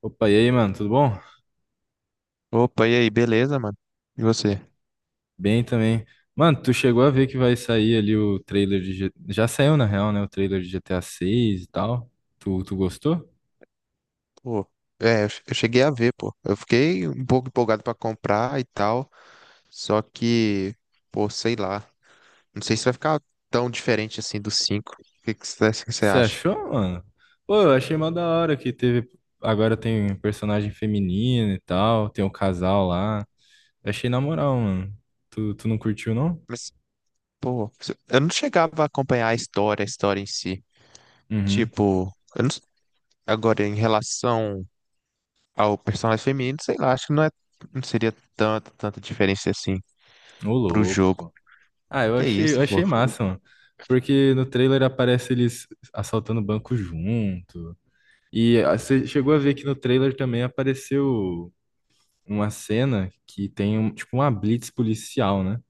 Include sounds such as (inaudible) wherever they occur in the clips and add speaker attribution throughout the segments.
Speaker 1: Opa, e aí, mano, tudo bom?
Speaker 2: Opa, e aí, beleza, mano? E você?
Speaker 1: Bem também. Mano, tu chegou a ver que vai sair ali o trailer de, já saiu, na real, né? O trailer de GTA 6 e tal. Tu gostou?
Speaker 2: Pô, eu cheguei a ver, pô. Eu fiquei um pouco empolgado pra comprar e tal, só que, pô, sei lá. Não sei se vai ficar tão diferente assim do 5. O que que você
Speaker 1: Você
Speaker 2: acha?
Speaker 1: achou, mano? Pô, eu achei mó da hora que teve. Agora tem personagem feminino e tal, tem um casal lá. Achei na moral, mano. Tu não curtiu, não?
Speaker 2: Mas, pô, eu não chegava a acompanhar a história em si.
Speaker 1: Uhum.
Speaker 2: Tipo, eu não s- agora em relação ao personagem feminino, sei lá, acho que não é, não seria tanta diferença assim
Speaker 1: Ô,
Speaker 2: pro
Speaker 1: louco,
Speaker 2: jogo.
Speaker 1: pô. Ah, eu
Speaker 2: Que
Speaker 1: achei, eu
Speaker 2: isso, pô?
Speaker 1: achei massa, mano. Porque no trailer aparece eles assaltando o banco junto. E você chegou a ver que no trailer também apareceu uma cena que tem um, tipo uma blitz policial, né?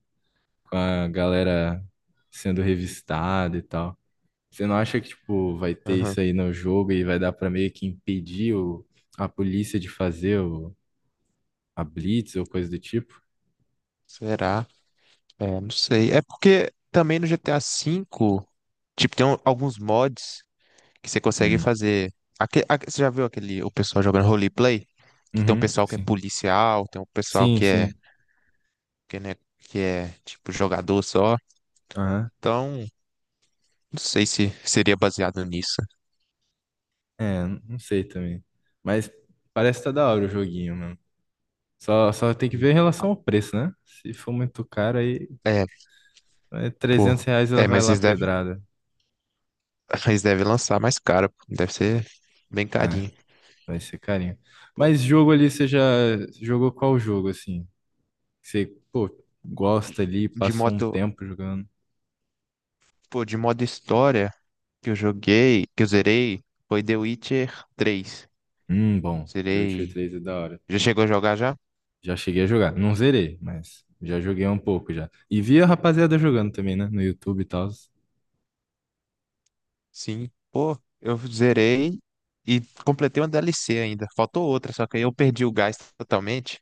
Speaker 1: Com a galera sendo revistada e tal. Você não acha que tipo vai ter
Speaker 2: Aham.
Speaker 1: isso aí no jogo e vai dar pra meio que impedir a polícia de fazer a blitz ou coisa do tipo?
Speaker 2: Será? É, não sei. É porque também no GTA V, tipo, alguns mods que você consegue
Speaker 1: Hum.
Speaker 2: fazer. Você já viu aquele, o pessoal jogando roleplay? Que tem um
Speaker 1: Uhum,
Speaker 2: pessoal que é
Speaker 1: sim.
Speaker 2: policial, tem um pessoal
Speaker 1: Sim,
Speaker 2: que é,
Speaker 1: sim.
Speaker 2: que, né, que é, tipo, jogador só.
Speaker 1: Aham.
Speaker 2: Então, não sei se seria baseado nisso.
Speaker 1: É, não sei também. Mas parece que tá da hora o joguinho, mano. Só tem que
Speaker 2: Hum.
Speaker 1: ver em relação ao preço, né? Se for muito caro, aí.
Speaker 2: É,
Speaker 1: É
Speaker 2: pô.
Speaker 1: R$ 300, ela
Speaker 2: É,
Speaker 1: vai
Speaker 2: mas
Speaker 1: lá
Speaker 2: eles devem,
Speaker 1: pedrada.
Speaker 2: (laughs) eles devem lançar mais caro. Pô. Deve ser bem
Speaker 1: Ah,
Speaker 2: carinho.
Speaker 1: vai ser carinho.
Speaker 2: Pô,
Speaker 1: Mas jogo ali, você já jogou qual jogo, assim? Você, pô, gosta ali,
Speaker 2: de
Speaker 1: passou um
Speaker 2: modo,
Speaker 1: tempo jogando.
Speaker 2: pô, de modo história que eu joguei, que eu zerei, foi The Witcher 3.
Speaker 1: Bom, The Witcher
Speaker 2: Zerei.
Speaker 1: três é da hora.
Speaker 2: Já chegou a jogar já?
Speaker 1: Já cheguei a jogar. Não zerei, mas já joguei um pouco já. E
Speaker 2: Sim.
Speaker 1: vi a rapaziada jogando também, né? No YouTube e tal.
Speaker 2: Sim. Pô, eu zerei e completei uma DLC ainda. Faltou outra, só que aí eu perdi o gás totalmente.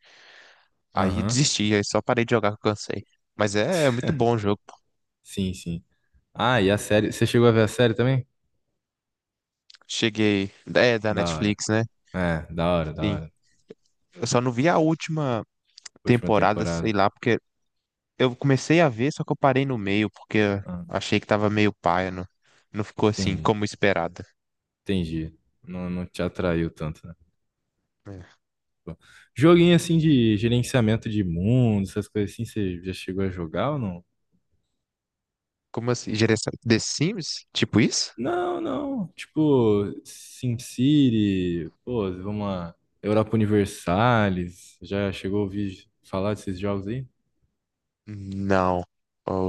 Speaker 2: Aí
Speaker 1: Aham.
Speaker 2: desisti, aí só parei de jogar que eu cansei. Mas é muito bom o jogo.
Speaker 1: Sim, sim. Ah, e a série. Você chegou a ver a série também?
Speaker 2: Cheguei. É da
Speaker 1: Da hora.
Speaker 2: Netflix, né?
Speaker 1: É, da hora, da
Speaker 2: Sim.
Speaker 1: hora.
Speaker 2: Eu só não vi a última
Speaker 1: Última
Speaker 2: temporada, sei
Speaker 1: temporada.
Speaker 2: lá, porque eu comecei a ver, só que eu parei no meio, porque eu
Speaker 1: Ah,
Speaker 2: achei que tava meio paia, não, não ficou assim
Speaker 1: entendi.
Speaker 2: como esperado.
Speaker 1: Entendi. Não, não te atraiu tanto.
Speaker 2: É.
Speaker 1: Joguinho assim de gerenciamento de mundo, essas coisas assim, você já chegou a jogar ou não?
Speaker 2: Como assim? Geração The Sims? Tipo isso?
Speaker 1: Não, não. Tipo, SimCity, pô, vamos lá. Europa Universalis, já chegou a ouvir falar desses jogos aí?
Speaker 2: Não.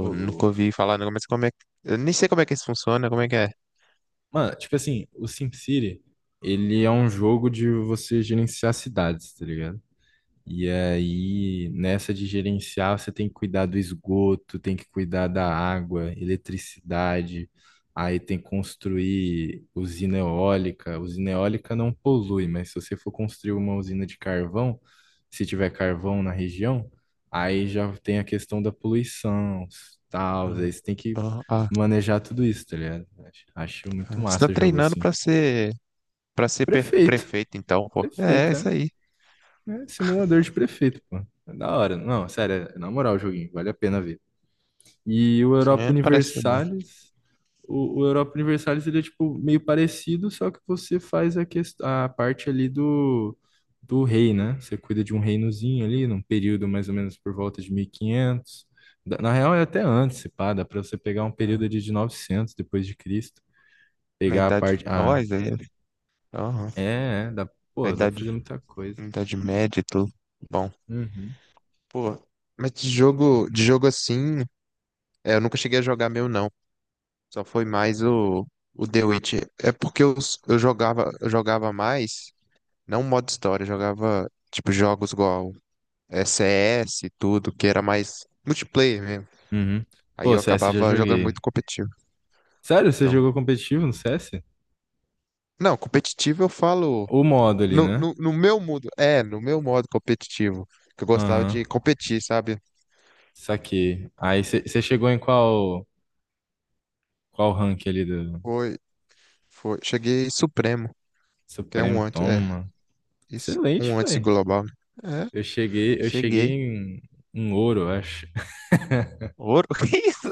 Speaker 1: Ô,
Speaker 2: nunca
Speaker 1: louco.
Speaker 2: ouvi falar, não, mas como é que. Eu nem sei como é que isso funciona, como é que é?
Speaker 1: Mano, tipo assim, o SimCity, ele é um jogo de você gerenciar cidades, tá ligado? E aí, nessa de gerenciar, você tem que cuidar do esgoto, tem que cuidar da água, eletricidade, aí tem que construir usina eólica. Usina eólica não polui, mas se você for construir uma usina de carvão, se tiver carvão na região, aí já tem a questão da poluição, tal, aí
Speaker 2: Ah,
Speaker 1: você tem que
Speaker 2: ah, ah,
Speaker 1: manejar tudo isso, tá ligado? Acho muito
Speaker 2: ah. Você tá
Speaker 1: massa jogo
Speaker 2: treinando
Speaker 1: assim.
Speaker 2: pra ser
Speaker 1: Prefeito,
Speaker 2: prefeito, então, pô. É
Speaker 1: prefeito, é.
Speaker 2: isso aí.
Speaker 1: É simulador de prefeito, pô. É da hora. Não, sério, é na moral o joguinho, vale a pena ver. E o
Speaker 2: Isso
Speaker 1: Europa
Speaker 2: mesmo parece ser bom.
Speaker 1: Universalis, o Europa Universalis ele é tipo meio parecido, só que você faz a parte ali do rei, né? Você cuida de um reinozinho ali, num período mais ou menos por volta de 1500. Na real é até antes, se pá, dá pra você pegar um período
Speaker 2: Ah,
Speaker 1: ali de 900 depois de Cristo,
Speaker 2: na
Speaker 1: pegar a
Speaker 2: idade.
Speaker 1: parte.
Speaker 2: Ó,
Speaker 1: Ah,
Speaker 2: isso aí. Aham.
Speaker 1: dá,
Speaker 2: Na
Speaker 1: pô, dá pra
Speaker 2: idade,
Speaker 1: fazer muita coisa.
Speaker 2: na idade média e tudo. Bom.
Speaker 1: Uhum,
Speaker 2: Pô, mas de jogo assim, eu nunca cheguei a jogar meu, não. Só foi mais o The Witcher. É porque eu jogava mais. Não modo história, jogava tipo jogos igual CS e tudo, que era mais multiplayer mesmo.
Speaker 1: uhum.
Speaker 2: Aí
Speaker 1: Pô,
Speaker 2: eu
Speaker 1: CS já
Speaker 2: acabava jogando
Speaker 1: joguei.
Speaker 2: muito competitivo.
Speaker 1: Sério, você
Speaker 2: Então,
Speaker 1: jogou competitivo no CS?
Speaker 2: não, competitivo eu falo
Speaker 1: O modo ali,
Speaker 2: no,
Speaker 1: né?
Speaker 2: no, no meu modo, é, no meu modo competitivo, que eu gostava
Speaker 1: Aham.
Speaker 2: de competir, sabe?
Speaker 1: Saquei. Aí você chegou em qual rank ali do
Speaker 2: Foi, cheguei supremo, que é um
Speaker 1: Supremo?
Speaker 2: antes, é,
Speaker 1: Toma.
Speaker 2: isso,
Speaker 1: Excelente,
Speaker 2: um antes de
Speaker 1: foi.
Speaker 2: global. Né? É,
Speaker 1: Eu cheguei
Speaker 2: cheguei.
Speaker 1: em ouro, eu acho. (laughs)
Speaker 2: Ouro, (laughs) que isso?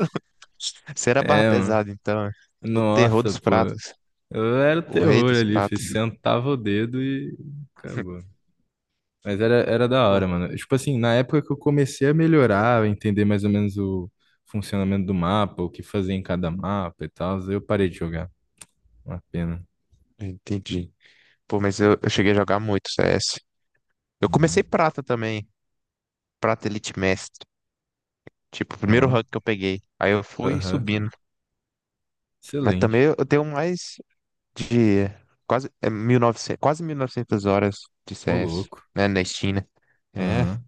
Speaker 2: Você era barra
Speaker 1: É, mano.
Speaker 2: pesada, então. É. O terror
Speaker 1: Nossa,
Speaker 2: dos
Speaker 1: pô.
Speaker 2: pratos,
Speaker 1: Eu era o
Speaker 2: o rei
Speaker 1: terror
Speaker 2: dos
Speaker 1: ali,
Speaker 2: pratos.
Speaker 1: fiz, sentava o dedo e acabou. Mas era da
Speaker 2: Pô,
Speaker 1: hora, mano. Tipo assim, na época que eu comecei a melhorar, a entender mais ou menos o funcionamento do mapa, o que fazer em cada mapa e tal, eu parei de jogar. Uma pena.
Speaker 2: entendi. Pô, mas eu cheguei a jogar muito CS. Eu comecei
Speaker 1: Uhum.
Speaker 2: prata também, prata Elite Mestre. Tipo, o primeiro
Speaker 1: Ó.
Speaker 2: rank que eu peguei. Aí eu fui
Speaker 1: Aham.
Speaker 2: subindo. Mas também
Speaker 1: Excelente.
Speaker 2: eu tenho mais de quase 1900 quase 1900 horas de
Speaker 1: Ô,
Speaker 2: CS,
Speaker 1: louco.
Speaker 2: né, na Steam, né? É,
Speaker 1: Aham.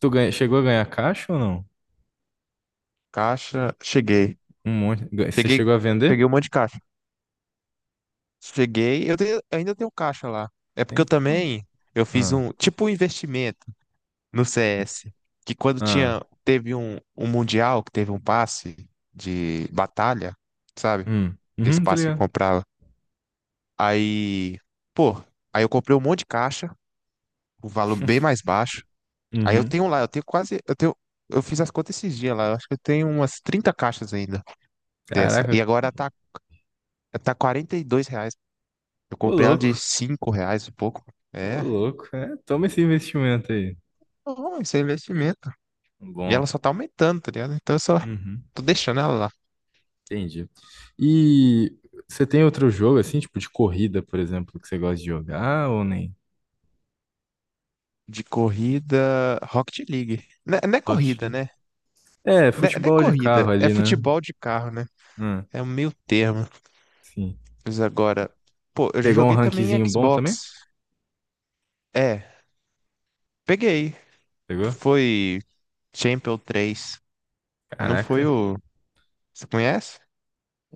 Speaker 1: Tu ganha, chegou a ganhar caixa ou não?
Speaker 2: caixa, cheguei.
Speaker 1: Um monte. Você
Speaker 2: Peguei,
Speaker 1: chegou a
Speaker 2: peguei um
Speaker 1: vender?
Speaker 2: monte de caixa. Cheguei, ainda tenho caixa lá. É porque eu
Speaker 1: Tem? Pô.
Speaker 2: também, eu fiz
Speaker 1: Ah.
Speaker 2: um, tipo um investimento no CS, que quando
Speaker 1: Ah.
Speaker 2: tinha, teve um mundial que teve um passe de batalha, sabe?
Speaker 1: Hum.
Speaker 2: Aquele
Speaker 1: Uhum, tô
Speaker 2: passe que
Speaker 1: ligado.
Speaker 2: comprava. Aí, pô, aí eu comprei um monte de caixa, o valor bem mais baixo. Aí eu
Speaker 1: Uhum.
Speaker 2: tenho lá, eu tenho quase, eu fiz as contas esses dias lá, eu acho que eu tenho umas 30 caixas ainda dessa. E
Speaker 1: Caraca.
Speaker 2: agora tá R$ 42. Eu
Speaker 1: Ô,
Speaker 2: comprei ela de
Speaker 1: louco.
Speaker 2: R$ 5 e pouco.
Speaker 1: Ô,
Speaker 2: É,
Speaker 1: louco. É, toma esse investimento aí.
Speaker 2: bom, isso é investimento. E
Speaker 1: Bom.
Speaker 2: ela só tá aumentando, tá ligado? Então eu só
Speaker 1: Uhum.
Speaker 2: tô deixando ela lá.
Speaker 1: Entendi. E você tem outro jogo, assim, tipo de corrida, por exemplo, que você gosta de jogar ou nem?
Speaker 2: De corrida, Rocket League. Não é,
Speaker 1: Rocket
Speaker 2: corrida,
Speaker 1: League?
Speaker 2: né?
Speaker 1: É,
Speaker 2: Não é,
Speaker 1: futebol de carro
Speaker 2: corrida, é
Speaker 1: ali, né?
Speaker 2: futebol de carro, né?
Speaker 1: Ah,
Speaker 2: É um meio termo.
Speaker 1: sim.
Speaker 2: Mas agora, pô, eu já
Speaker 1: Pegou um
Speaker 2: joguei também em
Speaker 1: rankzinho bom também?
Speaker 2: Xbox. É, peguei.
Speaker 1: Pegou?
Speaker 2: Foi Champion 3. Não foi
Speaker 1: Caraca,
Speaker 2: o. Você conhece?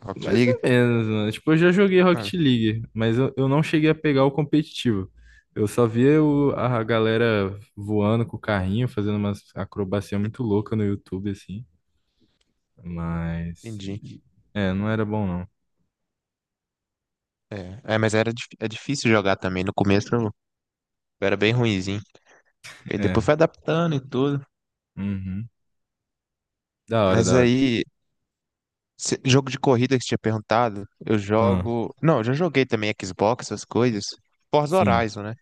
Speaker 2: Rocket
Speaker 1: mais ou
Speaker 2: League?
Speaker 1: menos, mano. Tipo, eu já joguei
Speaker 2: Ah,
Speaker 1: Rocket League, mas eu não cheguei a pegar o competitivo. Eu só via a galera voando com o carrinho, fazendo umas acrobacia muito louca no YouTube, assim. Mas.
Speaker 2: entendi.
Speaker 1: É, não era bom, não.
Speaker 2: É, mas era, é difícil jogar também. No começo eu era bem ruinzinho. E depois
Speaker 1: É.
Speaker 2: foi adaptando e tudo.
Speaker 1: Uhum. Da hora,
Speaker 2: Mas
Speaker 1: da hora.
Speaker 2: aí jogo de corrida que você tinha perguntado, eu
Speaker 1: Ah,
Speaker 2: jogo. Não, eu já joguei também Xbox, essas coisas. Forza
Speaker 1: sim.
Speaker 2: Horizon, né?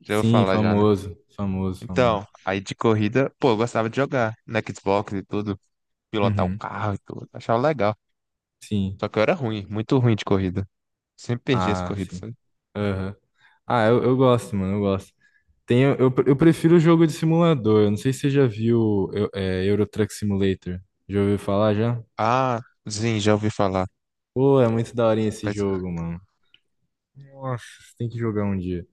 Speaker 2: Já vou
Speaker 1: Sim,
Speaker 2: falar já, né?
Speaker 1: famoso. Famoso, famoso.
Speaker 2: Então, aí de corrida, pô, eu gostava de jogar na Xbox e tudo, pilotar o
Speaker 1: Uhum.
Speaker 2: carro e tudo, achava legal.
Speaker 1: Sim.
Speaker 2: Só que eu era ruim, muito ruim de corrida. Sempre perdi as
Speaker 1: Ah,
Speaker 2: corridas,
Speaker 1: sim.
Speaker 2: sabe?
Speaker 1: Aham. Ah, eu gosto, mano, eu gosto. Tem, eu prefiro o jogo de simulador. Eu não sei se você já viu Euro Truck Simulator. Já ouviu falar já?
Speaker 2: Ah, sim, já ouvi falar.
Speaker 1: Pô, é muito daorinha esse
Speaker 2: Mas
Speaker 1: jogo, mano. Nossa, você tem que jogar um dia.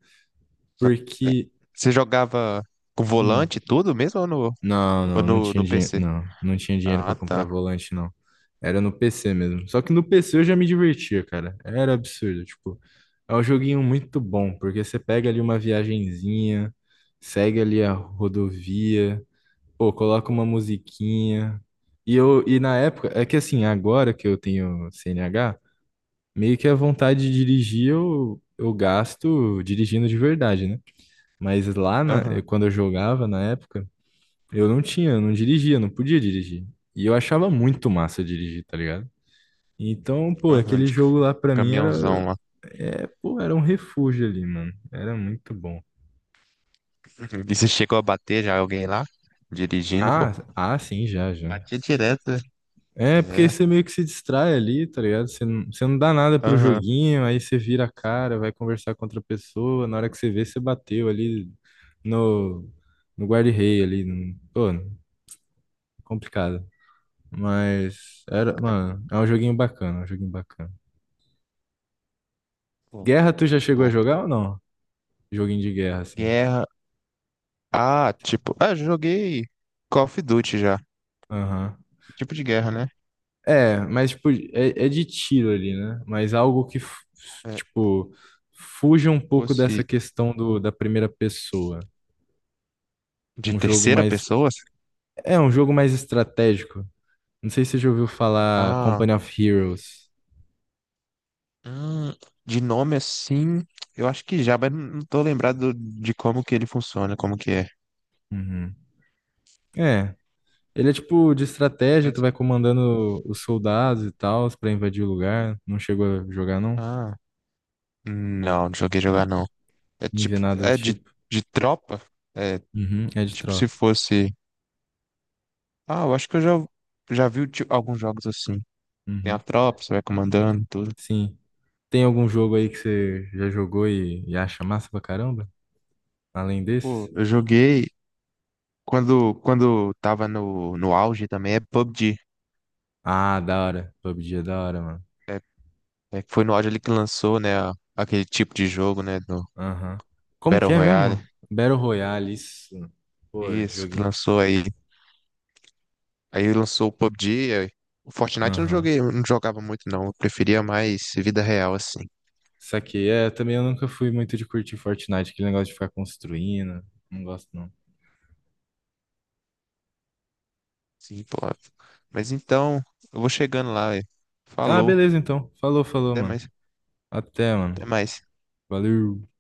Speaker 1: Porque.
Speaker 2: você jogava com
Speaker 1: hum,
Speaker 2: volante e tudo mesmo ou no,
Speaker 1: não,
Speaker 2: ou
Speaker 1: não, não
Speaker 2: no,
Speaker 1: tinha
Speaker 2: no
Speaker 1: dinheiro.
Speaker 2: PC?
Speaker 1: Não, não tinha dinheiro pra
Speaker 2: Ah,
Speaker 1: comprar
Speaker 2: tá.
Speaker 1: volante, não. Era no PC mesmo. Só que no PC eu já me divertia, cara. Era absurdo. Tipo, é um joguinho muito bom, porque você pega ali uma viagenzinha, segue ali a rodovia. Pô, coloca uma musiquinha. E na época, é que assim, agora que eu tenho CNH, meio que a vontade de dirigir eu gasto dirigindo de verdade, né? Mas lá
Speaker 2: Aham,
Speaker 1: quando eu jogava na época, eu não tinha, eu não dirigia, eu não podia dirigir. E eu achava muito massa dirigir, tá ligado? Então, pô,
Speaker 2: aham,
Speaker 1: aquele
Speaker 2: de
Speaker 1: jogo lá pra mim era,
Speaker 2: caminhãozão.
Speaker 1: pô, era um refúgio ali, mano. Era muito bom.
Speaker 2: E você chegou a bater já alguém lá? Dirigindo, pô.
Speaker 1: Ah, ah, sim, já, já.
Speaker 2: Batia direto.
Speaker 1: É,
Speaker 2: Né?
Speaker 1: porque
Speaker 2: É.
Speaker 1: você meio que se distrai ali, tá ligado? Você não dá nada pro
Speaker 2: Aham.
Speaker 1: joguinho, aí você vira a cara, vai conversar com outra pessoa. Na hora que você vê, você bateu ali no, no guarda-rei ali. Pô, complicado. Mas era,
Speaker 2: Ca-
Speaker 1: mano, é um joguinho bacana, é um joguinho bacana.
Speaker 2: Pô,
Speaker 1: Guerra, tu já chegou a
Speaker 2: bom.
Speaker 1: jogar ou não? Joguinho de guerra, assim.
Speaker 2: Guerra. Ah, tipo. Ah, eu joguei Call of Duty já.
Speaker 1: Aham.
Speaker 2: Tipo de guerra, né?
Speaker 1: É, mas tipo, é de tiro ali, né? Mas algo que,
Speaker 2: É,
Speaker 1: tipo, fuja um pouco dessa
Speaker 2: fosse
Speaker 1: questão da primeira pessoa.
Speaker 2: de
Speaker 1: Um jogo
Speaker 2: terceira
Speaker 1: mais.
Speaker 2: pessoa?
Speaker 1: É, um jogo mais estratégico. Não sei se você já ouviu falar
Speaker 2: Ah.
Speaker 1: Company of Heroes.
Speaker 2: hum, de nome assim. Eu acho que já, mas não tô lembrado de como que ele funciona, como que é.
Speaker 1: Uhum. É. Ele é tipo de estratégia, tu
Speaker 2: Mas,
Speaker 1: vai comandando os soldados e tal pra invadir o lugar. Não chegou a jogar, não?
Speaker 2: ah. Não, não joguei jogar
Speaker 1: N-
Speaker 2: não. É
Speaker 1: Nem ver
Speaker 2: tipo.
Speaker 1: nada do
Speaker 2: É de,
Speaker 1: tipo.
Speaker 2: de tropa? É.
Speaker 1: Uhum, é de
Speaker 2: Tipo, se
Speaker 1: tropa.
Speaker 2: fosse. Ah, eu acho que eu já vi alguns jogos assim. Tem a
Speaker 1: Uhum.
Speaker 2: tropa, você vai comandando, e tudo.
Speaker 1: Sim. Tem algum jogo aí que você já jogou e acha massa pra caramba? Além
Speaker 2: Pô,
Speaker 1: desse?
Speaker 2: eu joguei quando tava no auge também, é PUBG.
Speaker 1: Ah, da hora. PUBG é da hora, mano.
Speaker 2: É, foi no auge ali que lançou, né, aquele tipo de jogo, né, do
Speaker 1: Aham. Como que
Speaker 2: Battle
Speaker 1: é
Speaker 2: Royale.
Speaker 1: mesmo? Battle Royale, isso. Pô,
Speaker 2: Isso, que
Speaker 1: joguinho.
Speaker 2: lançou aí. Aí lançou o PUBG. O Fortnite eu não
Speaker 1: Aham.
Speaker 2: joguei, eu não jogava muito não. Eu preferia mais vida real, assim.
Speaker 1: Saquei. É, também eu nunca fui muito de curtir Fortnite, aquele negócio de ficar construindo. Não gosto, não.
Speaker 2: Sim, pô. Mas então, eu vou chegando lá, velho.
Speaker 1: Ah,
Speaker 2: Falou.
Speaker 1: beleza, então. Falou, falou,
Speaker 2: Até
Speaker 1: mano.
Speaker 2: mais.
Speaker 1: Até, mano.
Speaker 2: Até mais.
Speaker 1: Valeu.